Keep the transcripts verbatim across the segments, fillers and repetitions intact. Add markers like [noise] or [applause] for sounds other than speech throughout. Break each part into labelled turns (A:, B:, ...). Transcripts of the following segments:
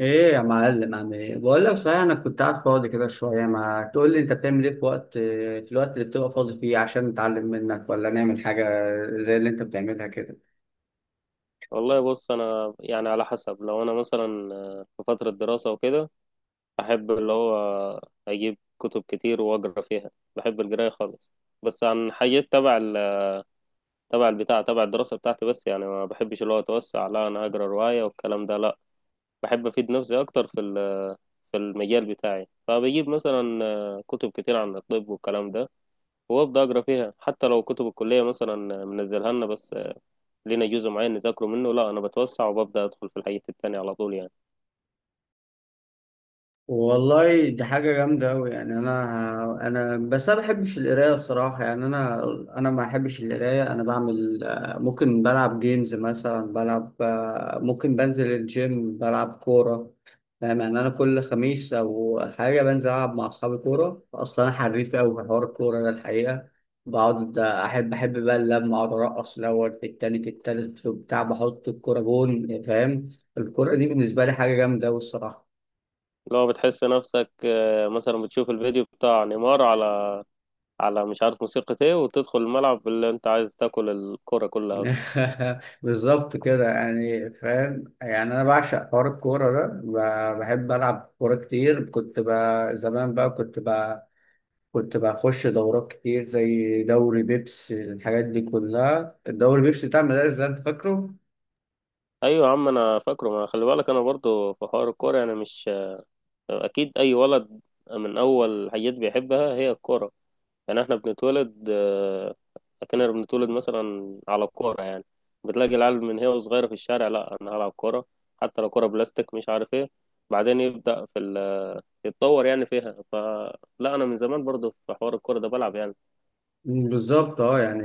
A: ايه يا معلم، عم ايه، بقول لك صحيح، انا كنت قاعد فاضي كده شويه، ما تقول لي انت بتعمل ايه في وقت في الوقت اللي بتبقى فاضي فيه عشان نتعلم منك ولا نعمل حاجه زي اللي انت بتعملها كده.
B: والله بص، انا يعني على حسب. لو انا مثلا آه، في فتره دراسه وكده احب اللي هو اجيب كتب كتير واقرا فيها. بحب القرايه خالص، بس عن حاجات تبع ال- تبع البتاع تبع الدراسه بتاعتي. بس يعني ما بحبش اللي هو اتوسع، لا انا اقرا روايه والكلام ده، لا بحب افيد نفسي اكتر في ال- في المجال بتاعي. فبجيب مثلا آه، كتب كتير عن الطب والكلام ده وابدا اقرا فيها، حتى لو كتب الكليه مثلا منزلها لنا بس لينا جزء معين نذاكره منه، لا انا بتوسع وببدا ادخل في الحاجات التانية على طول يعني.
A: والله دي حاجة جامدة أوي يعني. أنا أنا بس أنا ما بحبش القراية الصراحة يعني. أنا أنا ما بحبش القراية. أنا بعمل آه، ممكن بلعب جيمز مثلا، بلعب آه، ممكن بنزل الجيم، بلعب كورة، فاهم يعني. أنا كل خميس أو حاجة بنزل ألعب مع أصحابي كورة، أصلا أنا حريف أوي في حوار الكورة ده الحقيقة. بقعد أحب أحب بقى اللمة، أقعد أرقص الأول، في التاني، في التالت، في بتاع، بحط الكورة جون، فاهم. الكورة دي بالنسبة لي حاجة جامدة أوي الصراحة.
B: لو بتحس نفسك آه، مثلا بتشوف الفيديو بتاع نيمار على على مش عارف موسيقى ايه، وتدخل الملعب اللي انت عايز تاكل الكرة كلها اصلا.
A: [laughs] بالظبط كده، يعني فاهم يعني. انا بعشق حوار الكوره ده. ب- بحب العب كوره كتير. كنت بقى زمان بقى كنت بقى كنت بخش دورات كتير زي دوري بيبس، الحاجات دي كلها، الدوري بيبس بتاع المدارس ده انت فاكره؟
B: ايوه يا عم انا فاكره، ما خلي بالك انا برضو في حوار الكورة يعني، مش آه، اكيد اي ولد من اول حاجات بيحبها هي الكورة. يعني احنا بنتولد آه، كأننا بنتولد مثلا على الكورة يعني. بتلاقي العيال من هي وصغيرة في الشارع، لا انا هلعب كورة، حتى لو كورة بلاستيك مش عارف ايه. بعدين يبدأ في ال يتطور يعني فيها. فلا، انا من زمان برضو في حوار الكوره ده بلعب يعني.
A: مم، بالظبط اه يعني.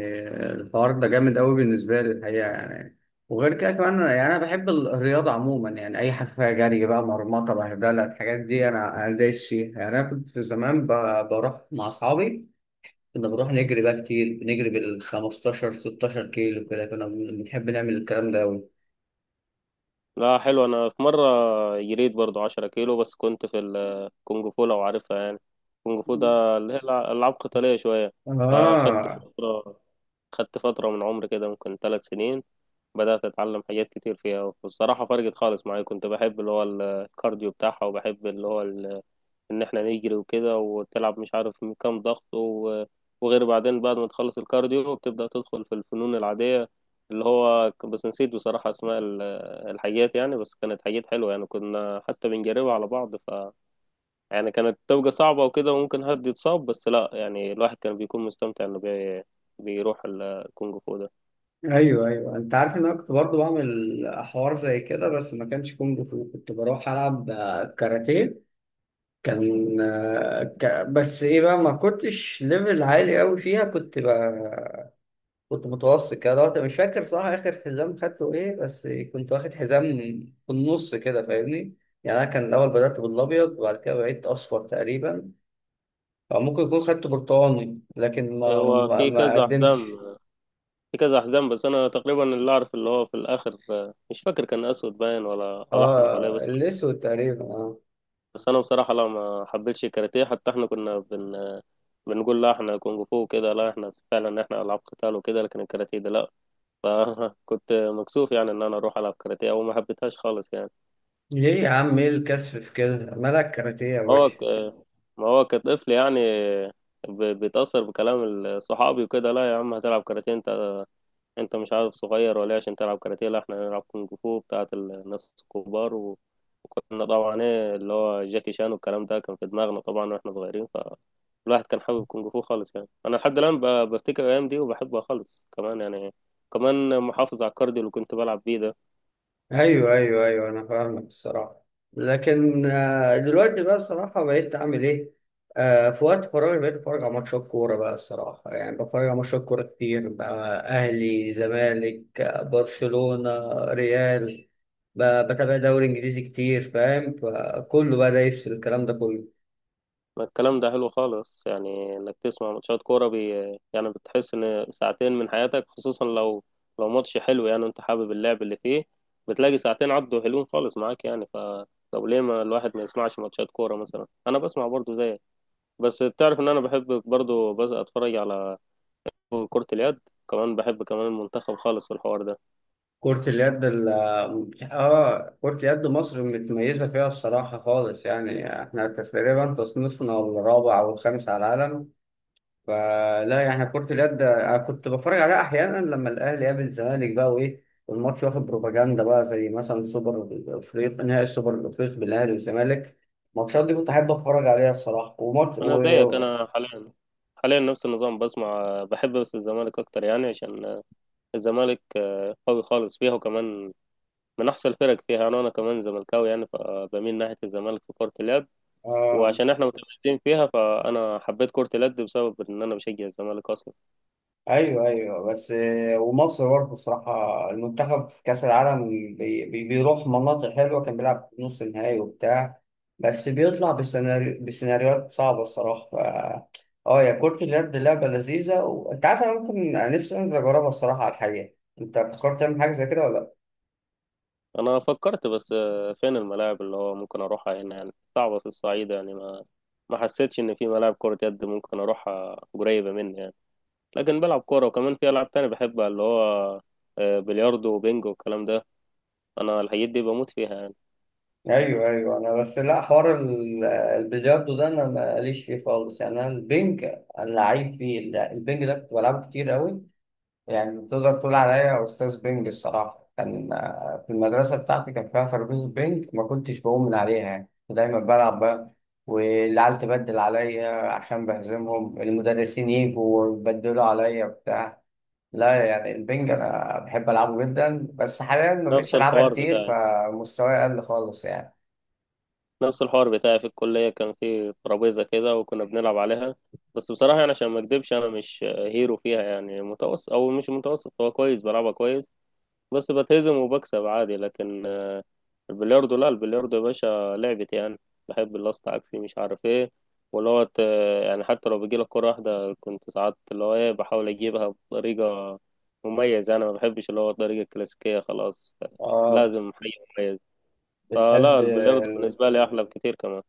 A: الحوار ده جامد قوي بالنسبه لي الحقيقه يعني. وغير كده كمان، يعني انا بحب ال- الرياضه عموما، يعني اي حاجه فيها جري بقى، مرمطه، بهدله، الحاجات دي انا انا دايس فيها يعني. انا كنت زمان ب- بروح مع اصحابي، كنا بنروح نجري بقى كتير، بنجري بال خمسة عشر ستة عشر كيلو كده، كنا بنحب نعمل الكلام ده أوي.
B: لا حلو، انا في مره جريت برضو 10 كيلو بس كنت في الكونغ فو لو عارفها يعني. الكونغ فو ده اللي هي الع- العاب قتاليه شويه. فخدت
A: اه،
B: فتره خدت فتره من عمري كده، ممكن ثلاث سنين بدات اتعلم حاجات كتير فيها والصراحه فرقت خالص معايا. كنت بحب اللي هو الكارديو بتاعها، وبحب اللي هو ان احنا نجري وكده وتلعب مش عارف من كام ضغط و- وغير. بعدين بعد ما تخلص الكارديو بتبدأ تدخل في الفنون العادية اللي هو ك- بس نسيت بصراحة اسماء ال- الحاجات يعني. بس كانت حاجات حلوة يعني، كنا حتى بنجربها على بعض. ف يعني كانت تبقى صعبة وكده وممكن حد يتصاب، بس لا يعني الواحد كان بيكون مستمتع انه بي... بيروح ال- الكونغ فو ده.
A: ايوه ايوه، انت عارف ان انا كنت برضه بعمل حوار زي كده، بس ما كانش كونج فو، كنت بروح العب آه، كاراتيه. كان آه، ك... بس ايه بقى، ما كنتش ليفل عالي قوي فيها. كنت بقى كنت متوسط كده. دلوقتي مش فاكر صح اخر حزام خدته ايه، بس كنت واخد حزام في النص كده فاهمني، يعني انا كان الاول بدأت بالابيض وبعد كده بقيت اصفر تقريبا، أو ممكن يكون خدت برتقاني، لكن ما
B: هو
A: ما,
B: في
A: ما
B: كذا حزام،
A: قدمتش.
B: في كذا حزام بس انا تقريبا اللي اعرف اللي هو في الاخر، مش فاكر كان اسود باين ولا ولا احمر ولا إيه،
A: اه،
B: بس.
A: الاسود تقريبا، اه.
B: بس انا بصراحه لا ما حبيتش الكاراتيه. حتى احنا كنا بن بنقول لا احنا كونغ فو وكده، لا احنا فعلا احنا العاب قتال وكده، لكن الكاراتيه ده لا. فكنت [laughs] مكسوف يعني ان انا اروح العب كاراتيه وما حبيتهاش خالص يعني.
A: ليه يا عم؟ ايه الكسف في كده؟ مالك كاراتيه يا
B: هو
A: باشا.
B: ك... ما هو كطفل يعني، ب... بيتاثر بكلام ال- صحابي وكده. لا يا عم هتلعب كاراتيه؟ انت انت مش عارف صغير ولا إيه عشان تلعب كاراتيه؟ لا احنا هنلعب كونغ فو بتاعت الناس الكبار. كنا طبعا ايه اللي هو جاكي شان والكلام ده كان في دماغنا طبعا واحنا صغيرين. فالواحد كان حابب كونج فو خالص يعني. انا لحد الان ب- بفتكر الايام دي وبحبها خالص كمان يعني، كمان محافظ على الكارديو اللي كنت بلعب بيه ده.
A: ايوه ايوه ايوه، انا فاهمك الصراحه. لكن آه، دلوقتي بقى الصراحه بقيت اعمل ايه؟ آه، في وقت فراغي بقيت اتفرج على ماتشات كوره بقى الصراحه، يعني بتفرج على ماتشات كوره كتير بقى: اهلي، زمالك، آه، برشلونه، ريال. ب- بتابع دوري انجليزي كتير فاهم، فكله بقى دايس في الكلام ده كله.
B: ما الكلام ده حلو خالص يعني، انك تسمع ماتشات كوره بي يعني بتحس ان ساعتين من حياتك، خصوصا لو لو ماتش حلو يعني انت حابب اللعب اللي فيه، بتلاقي ساعتين عدوا حلوين خالص معاك يعني. ف طب ليه ما الواحد ما يسمعش ماتشات كوره؟ مثلا انا بسمع برضو زيك. بس تعرف ان انا بحب برضو بس اتفرج على كرة اليد كمان؟ بحب كمان المنتخب خالص في الحوار ده.
A: كرة اليد ال اه، كرة يد مصر متميزة فيها الصراحة خالص، يعني احنا تقريبا تصنيفنا الرابع أو الخامس على العالم. فلا يعني، كرة اليد أنا كنت بتفرج عليها أحيانا لما الأهلي يقابل الزمالك بقى وإيه، والماتش واخد بروباجندا بقى، زي مثلا سوبر الأفريقي، نهائي السوبر الأفريقي بين الأهلي والزمالك، الماتشات دي كنت أحب أتفرج عليها الصراحة. وماتش و...
B: انا زيك، انا حاليا حاليا نفس النظام بسمع، بحب بس الزمالك اكتر يعني، عشان الزمالك آه، قوي خالص فيها وكمان من احسن الفرق فيها. يعني انا كمان زملكاوي يعني، فبميل ناحية الزمالك في كرة اليد.
A: آه،
B: وعشان احنا متميزين فيها فانا حبيت كرة اليد بسبب ان انا بشجع الزمالك اصلا.
A: ايوه ايوه. بس آه، ومصر برضه الصراحه، المنتخب في كاس العالم بي بي- بيروح مناطق حلوه، كان بيلعب في نص النهائي وبتاع، بس بيطلع بسيناريو بسيناريوهات صعبه الصراحه ف... اه. يا كرة اليد لعبه لذيذه، وانت عارف انا ممكن، أنا نفسي انزل اجربها الصراحه على الحقيقه. انت فكرت تعمل حاجه زي كده ولا لا؟
B: انا فكرت بس آه، فين الملاعب اللي هو ممكن اروحها هنا؟ يعني صعبة في الصعيد يعني، ما ما حسيتش ان في ملاعب كرة يد ممكن اروحها قريبة مني يعني. لكن بلعب كورة وكمان في العاب تانية بحبها اللي هو آه، بلياردو وبينجو والكلام ده. انا الحاجات دي بموت فيها يعني.
A: ايوه ايوه، انا بس لا، حوار ال- البلياردو ده انا ماليش فيه خالص يعني. انا البنج، أنا لعيب فيه. البنج ده كنت بلعبه كتير قوي، يعني تقدر تقول عليا أستاذ بينج الصراحة. كان آه، في المدرسة بتاعتي كان فيها ترابيزة بينج، ما كنتش بقوم من عليها يعني، كنت دايما بلعب بقى، والعيال تبدل عليا عشان بهزمهم، المدرسين يجوا ويبدلوا عليا وبتاع. لا يعني البينج أنا بحب ألعبه جدا، بس حاليا ما بقتش
B: نفس
A: ألعبها
B: الحوار
A: كتير
B: بتاعي
A: فمستواي قل خالص يعني.
B: نفس الحوار بتاعي في الكلية كان في ترابيزة كده وكنا بنلعب عليها. بس بصراحة يعني عشان ما اكدبش انا مش آه، هيرو فيها يعني، متوسط او مش متوسط، هو كويس بلعبها كويس، بس بتهزم وبكسب عادي. لكن البلياردو، لا البلياردو يا باشا لعبتي يعني. بحب اللاست عكسي مش عارف ايه، واللي هو ت- يعني حتى لو بيجيلك كرة واحدة كنت ساعات اللي هو ايه بحاول اجيبها بطريقة مميزة يعني. ما بحبش اللي هو الطريقة الكلاسيكية خلاص،
A: آه.
B: لازم حي مميز.
A: بتحب.
B: فلا البلياردو بالنسبة لي أحلى بكتير كمان.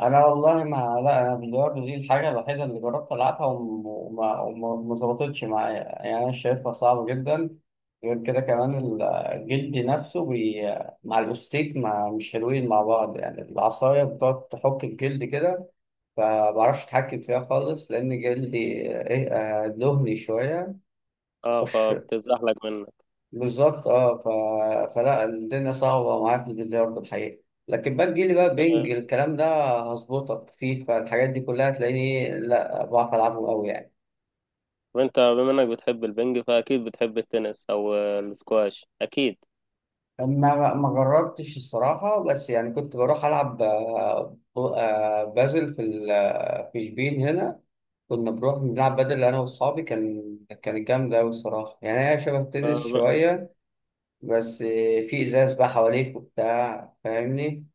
A: انا والله ما، لا انا بلياردو دي الحاجه الوحيده اللي جربت العبها، وم- وما وما وما ظبطتش معايا، يعني انا شايفها صعبه جدا. غير كده كمان ال- جلدي نفسه بي... مع الاستيك ما مش حلوين مع بعض، يعني العصايه بتقعد تحك الجلد كده، فمعرفش اتحكم فيها خالص، لان جلدي ايه، آه، دهني شويه.
B: اه
A: [laughs]
B: فبتزحلق منك
A: بالظبط اه. ف... فلا الدنيا صعبه ومعاك في البلياردو الحقيقه. لكن بقى تجيلي بقى
B: بس.
A: بينج
B: آه،
A: الكلام ده، هظبطك، فيفا الحاجات دي كلها هتلاقيني، لا بعرف العبه قوي يعني.
B: وانت بما انك بتحب البنج فأكيد بتحب التنس أو آه، السكواش أكيد.
A: ما ما جربتش الصراحه، بس يعني كنت بروح العب آه، ب- آه، بازل في ال... آه، في شبين هنا، كنا بنروح بنلعب بدل انا واصحابي. كان كانت جامده قوي الصراحه، يعني هي شبه
B: آه،
A: التنس
B: ب-
A: شويه، بس آه، في ازاز بقى حواليك وبتاع فاهمني.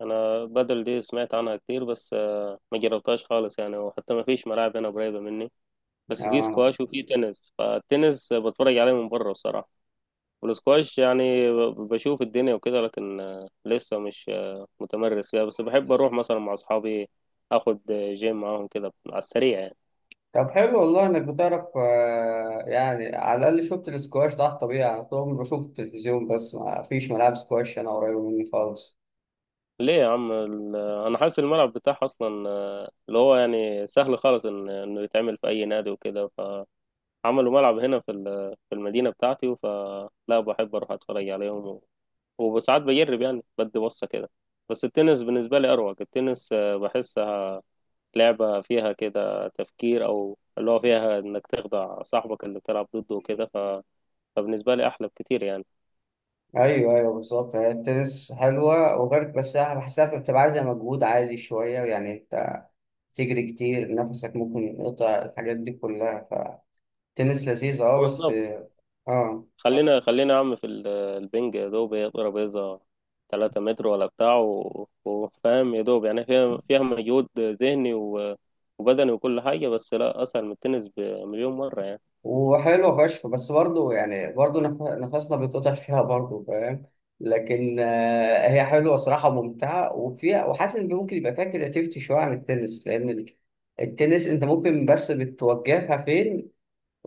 B: أنا بدل دي سمعت عنها كتير بس ما جربتهاش خالص يعني، وحتى ما فيش ملاعب هنا قريبة مني. بس في
A: اه.
B: سكواش وفي تنس. فالتنس بتفرج عليه من بره الصراحة، والسكواش يعني ب- بشوف الدنيا وكده. لكن آه، لسه مش آه، متمرس فيها، بس بحب أروح مثلا مع أصحابي أخد آه، جيم معاهم كده على السريع يعني.
A: طب حلو والله انك بتعرف، آه، يعني على الاقل شفت السكواش ده على الطبيعي. انا طول عمري بشوف التلفزيون، بس ما فيش ملاعب سكواش انا قريبه مني خالص.
B: ليه يا عم ال- أنا حاسس الملعب بتاعها أصلا آه، اللي هو يعني سهل خالص إن- إنه يتعمل في أي نادي وكده. فعملوا ملعب هنا في ال- في المدينة بتاعتي، فلا بحب أروح أتفرج عليهم وساعات بجرب يعني بدي بصة كده. بس التنس بالنسبة لي أروق. التنس آه، بحسها لعبة فيها كده تفكير، أو اللي هو فيها إنك تخدع صاحبك اللي بتلعب ضده وكده. ف- فبالنسبة لي أحلى بكتير يعني.
A: ايوه ايوه، بالظبط. هي التنس حلوه، وغير بس أنا بحسها بتبقى عايزه مجهود عالي شويه يعني، انت تجري كتير، نفسك ممكن يقطع، الحاجات دي كلها، فالتنس لذيذ اه بس.
B: بالظبط.
A: اه.
B: خلينا خلينا يا عم في ال- البنج، يا دوب هي ترابيزة تلاتة متر ولا بتاع، و- وفاهم يا دوب يعني فيها فيها مجهود ذهني و- وبدني وكل حاجة، بس لا أسهل من التنس بمليون مرة يعني.
A: وحلوة فشخ، بس برضه يعني برضه نف- نفسنا بيتقطع فيها برضه فاهم. لكن آه، هي حلوة صراحة ممتعة، وفيها، وحاسس إن ممكن يبقى فيها كرياتيفيتي شوية عن التنس، لأن ال- التنس أنت ممكن بس بتوجهها فين،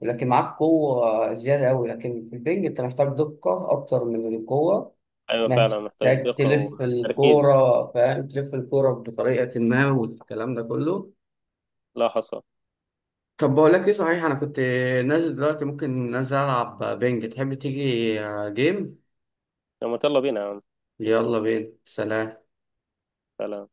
A: لكن معاك قوة زيادة أوي، لكن في البنج أنت محتاج دقة أكتر من القوة.
B: أيوة فعلا محتاج
A: محتاج
B: دقة
A: تلف
B: وتركيز.
A: الكورة فاهم، تلف الكورة بطريقة ما والكلام ده كله.
B: لا حصر.
A: طب بقول لك ايه صحيح، انا كنت نازل دلوقتي، ممكن نازل العب بينج، تحب تيجي جيم؟
B: طب ما يلا بينا يا عم،
A: يلا بينا، سلام.
B: تعالى.